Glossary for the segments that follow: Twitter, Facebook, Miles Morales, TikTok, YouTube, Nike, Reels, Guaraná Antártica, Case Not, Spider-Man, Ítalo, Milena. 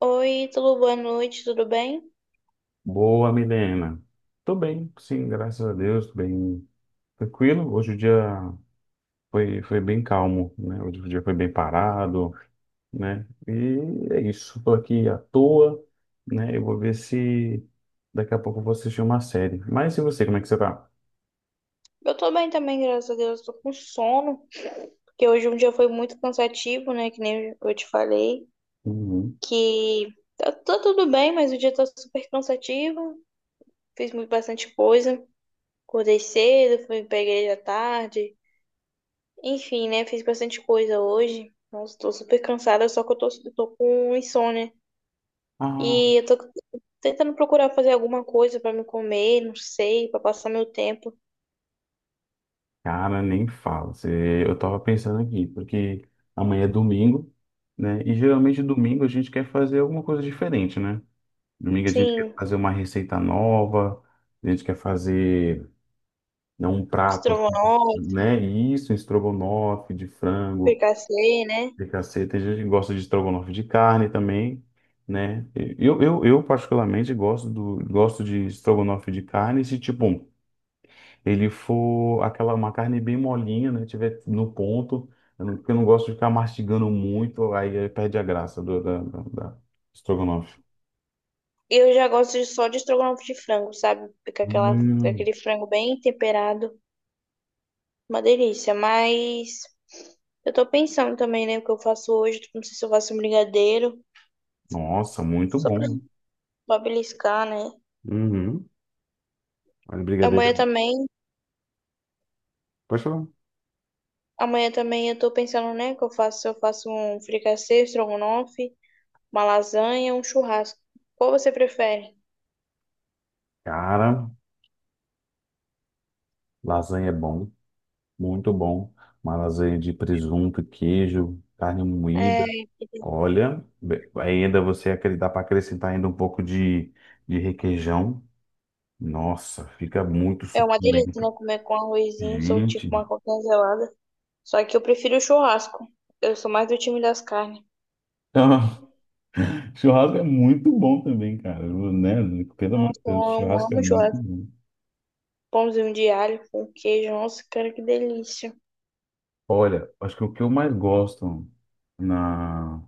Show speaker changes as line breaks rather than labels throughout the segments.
Oi, tudo boa noite, tudo bem?
Boa, Milena. Tô bem, sim, graças a Deus, tô bem tranquilo. Hoje o dia foi bem calmo, né? Hoje o dia foi bem parado, né? E é isso, tô aqui à toa, né? Eu vou ver se daqui a pouco eu vou assistir uma série. Mas e você, como é que você tá?
Eu tô bem também, graças a Deus, tô com sono, porque hoje um dia foi muito cansativo, né? Que nem eu te falei,
Uhum.
que tá tudo bem, mas o dia tá super cansativo, fiz muito bastante coisa, acordei cedo, fui pra igreja à tarde, enfim, né? Fiz bastante coisa hoje, nossa, tô super cansada, só que eu tô com insônia.
Ah,
E eu tô tentando procurar fazer alguma coisa pra me comer, não sei, pra passar meu tempo.
cara, nem fala. Eu tava pensando aqui, porque amanhã é domingo, né? E geralmente domingo a gente quer fazer alguma coisa diferente, né? Domingo a gente quer
Sim,
fazer uma receita nova, a gente quer fazer né, um prato, assim,
estrogonofe.
né? E isso, um estrogonofe de frango,
Fricassê, né?
de caceta. Tem gente que gosta de estrogonofe de carne também, né? Eu particularmente gosto de estrogonofe de carne se, tipo, ele for aquela, uma carne bem molinha, né? Tiver no ponto, eu não- porque eu não gosto de ficar mastigando muito, aí perde a graça da estrogonofe.
Eu já gosto de- só de estrogonofe de frango, sabe? Fica aquela, fica
Hum,
aquele frango bem temperado, uma delícia. Mas eu tô pensando também, né? O que eu faço hoje, tipo, não sei se eu faço um brigadeiro,
nossa, muito
só pra,
bom.
pra beliscar, né?
Uhum. Olha, brigadeiro é
Amanhã
bom.
também,
Pode falar.
amanhã também, eu tô pensando, né? Que eu faço, se eu faço um fricassê, estrogonofe, uma lasanha, um churrasco. Qual você prefere?
Cara, lasanha é bom, muito bom. Uma lasanha de presunto, queijo, carne moída.
É,
Olha, ainda você dá para acrescentar ainda um pouco de requeijão. Nossa, fica muito
é uma delícia,
suculento.
né? Comer com arrozinho, soltinho com
Gente,
uma coquinha gelada. Só que eu prefiro o churrasco. Eu sou mais do time das carnes.
churrasco é muito bom também, cara, né? Pelo amor de
Nossa, eu
Deus,
amo,
churrasco é
amo
muito
churrasco.
bom.
Pãozinho de alho com queijo. Nossa, cara, que delícia.
Olha, acho que o que eu mais gosto na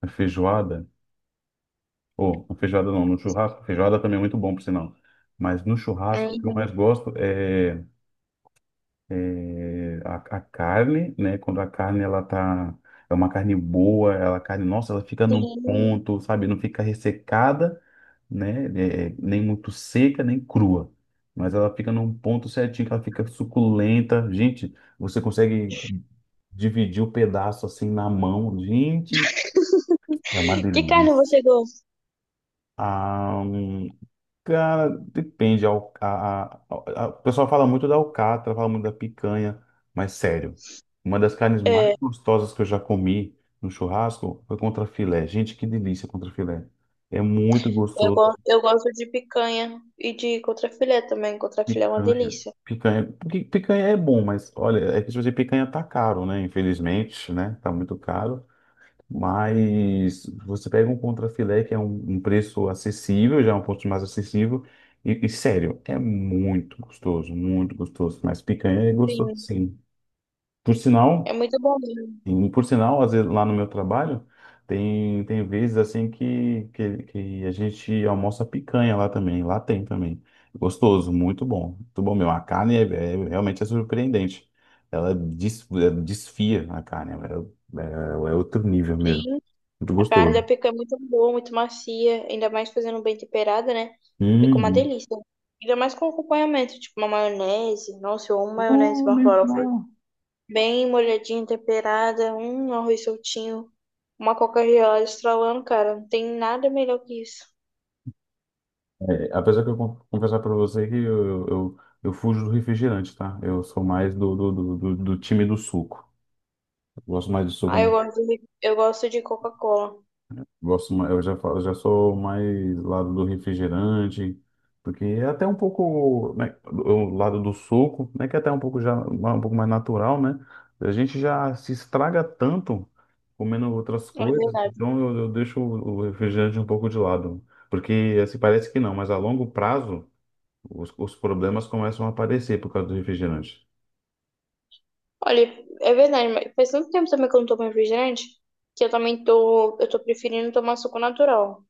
na feijoada, ou na feijoada não, no churrasco. Feijoada também é muito bom, por sinal. Mas no churrasco, o que eu mais
Uhum.
gosto é a carne, né? Quando a carne, ela tá. É uma carne boa, ela, a carne, nossa, ela fica no
Sim.
ponto, sabe? Não fica ressecada, né? Nem muito seca, nem crua. Mas ela fica num ponto certinho, que ela fica suculenta. Gente, você consegue dividir o pedaço assim na mão. Gente, é uma
Que carne
delícia.
você gosta?
Ah, cara, depende. A, Al- A, a- o pessoal fala muito da alcatra, fala muito da picanha, mas sério, uma das carnes mais
É,
gostosas que eu já comi no churrasco foi contrafilé. Gente, que delícia contrafilé. É muito
eu
gostoso.
gosto, eu gosto de picanha e de contrafilé também. Contrafilé é uma
Picanha.
delícia.
Picanha, porque picanha é bom, mas olha, é que se você picanha tá caro, né? Infelizmente, né? Tá muito caro. Mas você pega um contrafilé que é um preço acessível, já é um ponto mais acessível, e sério, é muito gostoso, muito gostoso. Mas picanha é gostoso,
Sim,
sim. Por
é
sinal,
muito bom mesmo.
e por sinal, às vezes lá no meu trabalho, tem vezes assim que a gente almoça picanha lá também, lá tem também. Gostoso, muito bom mesmo. A carne realmente é surpreendente. Ela desfia a carne, é é outro nível mesmo.
Sim,
Muito
a carne da
gostoso.
picanha é muito boa, muito macia. Ainda mais fazendo bem temperada, né? Fica uma
Hum.
delícia. Ainda mais com acompanhamento, tipo uma maionese. Nossa, eu amo maionese,
Oh,
uma
nem
farofa.
não.
Bem molhadinha, temperada, um arroz soltinho, uma Coca-Cola estralando, cara. Não tem nada melhor que isso.
É, apesar que eu confessar para você que eu fujo do refrigerante, tá? Eu sou mais do time do suco. Eu gosto mais do suco.
Ah, eu gosto de Coca-Cola.
Gosto, eu já sou mais lado do refrigerante, porque é até um pouco, né, o lado do suco, né, que é até um pouco já um pouco mais natural, né? A gente já se estraga tanto comendo outras
É
coisas,
verdade.
então eu deixo o refrigerante um pouco de lado, porque assim parece que não, mas a longo prazo os problemas começam a aparecer por causa do refrigerante.
Olha, é verdade, mas faz tanto tempo também que eu não tomo refrigerante que eu também tô, eu tô preferindo tomar suco natural.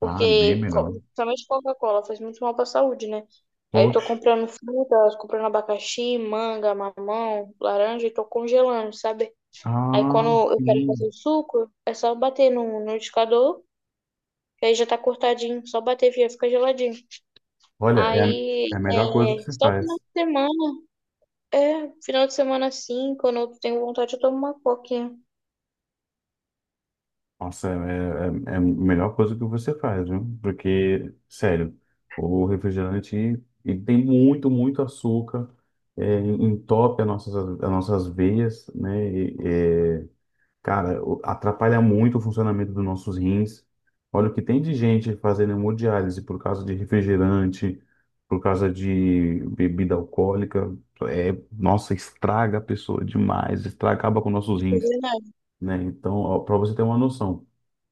Ah, bem melhor.
principalmente Coca-Cola, faz muito mal pra saúde, né? Aí eu tô
Oxe.
comprando fruta, comprando abacaxi, manga, mamão, laranja e tô congelando, sabe? Aí
Ah,
quando eu quero fazer
sim.
o suco, é só bater no liquidificador, que aí já tá cortadinho, só bater e fica geladinho.
Olha, é a, é
Aí
a melhor coisa que
é
se
só final
faz.
de semana, é, final de semana assim, quando eu tenho vontade, eu tomo uma coquinha. Não
Nossa, é a melhor coisa que você faz, viu? Porque, sério, o refrigerante ele tem muito, muito açúcar, entope as nossas veias, né? E, é, cara, atrapalha muito o funcionamento dos nossos rins. Olha o que tem de gente fazendo hemodiálise por causa de refrigerante, por causa de bebida alcoólica. É, nossa, estraga a pessoa demais, estraga, acaba com nossos rins,
fazer nada.
né? Então, para você ter uma noção.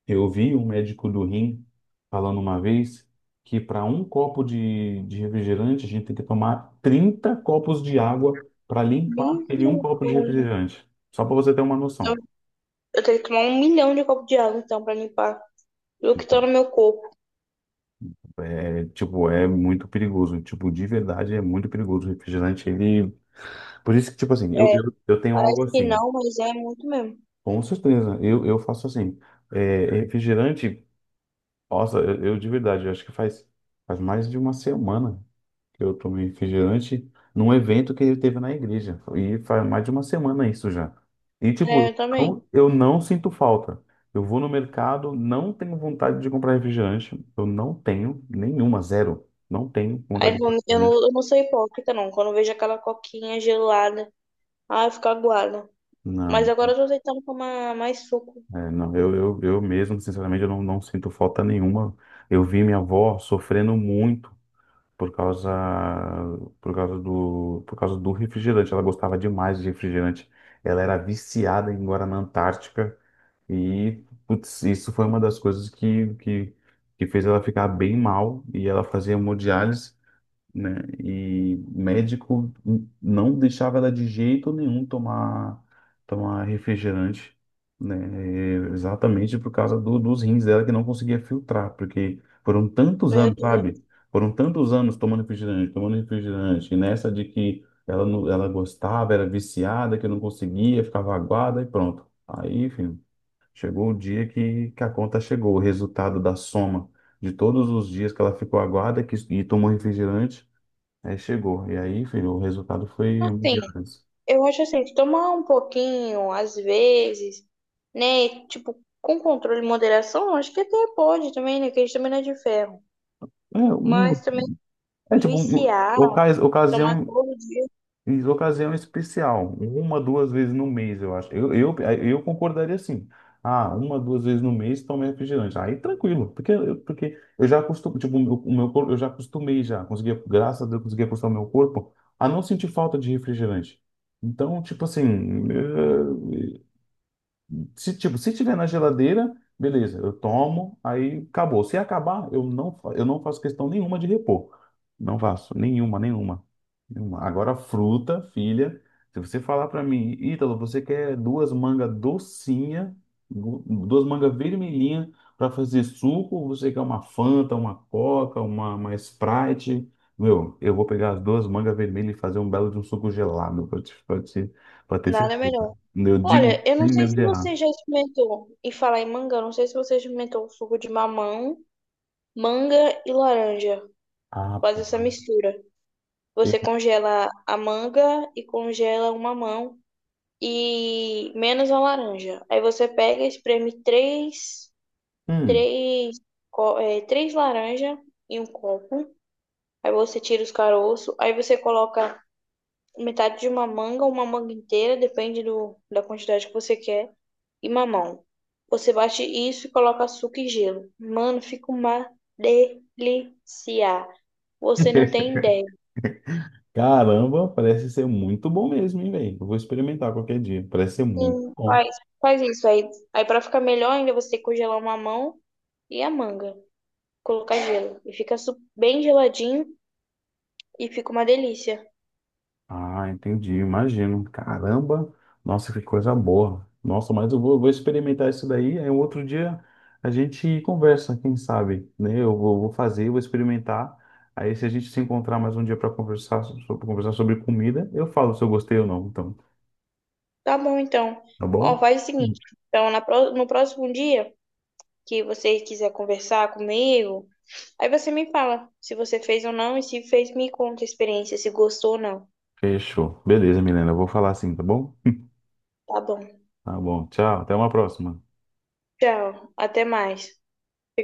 Eu vi um médico do rim falando uma vez que para um copo de refrigerante a gente tem que tomar 30 copos de água para limpar
Nem-
aquele um copo de refrigerante. Só para você ter uma
Eu,
noção.
eu tenho que tomar 1 milhão de copos de água, então, pra limpar o que tá no meu corpo.
É, tipo, é muito perigoso. Tipo, de verdade é muito perigoso. O refrigerante, ele. Por isso que, tipo assim, eu,
É,
eu, eu tenho algo
parece que
assim.
não, mas é muito mesmo.
Com certeza. Eu faço assim. É, refrigerante, nossa, eu de verdade, eu acho que faz mais de uma semana que eu tomei refrigerante num evento que ele teve na igreja. E faz mais de uma semana isso já. E, tipo,
É,
eu
eu também.
não, eu não sinto falta. Eu vou no mercado, não tenho vontade de comprar refrigerante. Eu não tenho nenhuma, zero. Não tenho
Aí
vontade de
eu
comprar
não, eu não,
refrigerante.
eu não sou hipócrita, não. Quando eu vejo aquela coquinha gelada, ah, eu fico aguada. Mas
Não,
agora eu tô tentando tomar mais suco.
é, não. Eu mesmo, sinceramente, eu não, não sinto falta nenhuma. Eu vi minha avó sofrendo muito por causa, por causa do refrigerante. Ela gostava demais de refrigerante. Ela era viciada em Guaraná Antártica e, putz, isso foi uma das coisas que fez ela ficar bem mal e ela fazia hemodiálise né? E médico não deixava ela de jeito nenhum tomar refrigerante, né? É, exatamente por causa dos rins dela que não conseguia filtrar, porque foram tantos
Meu
anos,
Deus.
sabe? Foram tantos anos tomando refrigerante, e nessa de que ela não- ela gostava, era viciada, que não conseguia, ficava aguada e pronto. Aí, enfim, chegou o dia que a conta chegou, o resultado da soma de todos os dias que ela ficou aguada e tomou refrigerante. Aí chegou. E aí, filho, o resultado foi um
Assim,
dia.
eu acho assim, que tomar um pouquinho, às vezes, né? Tipo, com controle e moderação, acho que até pode também, né? Que a gente também não é de ferro.
É, uma,
Mas também
é tipo, um,
viciar,
ocas,
tomar
ocasião,
todo dia,
ocasião especial. Uma, duas vezes no mês, eu acho. Eu concordaria assim. Ah, uma, duas vezes no mês toma refrigerante. Aí tranquilo, porque eu já acostumei, tipo, o meu corpo, eu já acostumei já. Consegui, graças a Deus, consegui acostumar meu corpo a não sentir falta de refrigerante. Então, tipo assim, eh, se, tipo, se tiver na geladeira, beleza, eu tomo, aí acabou. Se acabar, eu não faço questão nenhuma de repor. Não faço, nenhuma, nenhuma, nenhuma. Agora, fruta, filha, se você falar pra mim, Ítalo, você quer duas mangas docinha, du- duas mangas vermelhinha pra fazer suco, ou você quer uma Fanta, uma Coca, uma Sprite? Meu, eu vou pegar as duas mangas vermelhas e fazer um belo de um suco gelado, pra ter
nada
certeza.
melhor.
Eu digo
Olha, eu
sem
não sei
medo
se
de errar.
você já experimentou, e falar em manga, eu não sei se você já experimentou o suco de mamão, manga e laranja.
Ah,
Faz essa
pá.
mistura.
Eu-
Você congela a manga e congela o mamão. E menos a laranja. Aí você pega, espreme
Hum.
três, três laranjas em um copo. Aí você tira os caroços. Aí você coloca metade de uma manga inteira, depende do, da quantidade que você quer, e mamão. Você bate isso e coloca açúcar e gelo. Mano, fica uma delícia. Você não tem ideia.
Caramba, parece ser muito bom mesmo, hein, velho? Eu vou experimentar qualquer dia. Parece ser muito
Sim,
bom.
faz isso aí. Aí para ficar melhor ainda, você tem que congelar o mamão e a manga. Colocar gelo. E fica bem geladinho e fica uma delícia.
Ah, entendi, imagino. Caramba, nossa, que coisa boa. Nossa, mas eu vou experimentar isso daí. Aí um outro dia a gente conversa, quem sabe, né? Eu vou experimentar. Aí se a gente se encontrar mais um dia para conversar, pra conversar sobre comida, eu falo se eu gostei ou não, então,
Tá bom, então.
tá
Ó,
bom?
faz o seguinte. Então, no próximo dia que você quiser conversar comigo, aí você me fala se você fez ou não e se fez, me conta a experiência, se gostou ou não.
Fechou. Beleza, Milena, eu vou falar assim, tá bom?
Tá bom.
Tá bom, tchau, até uma próxima.
Tchau. Até mais.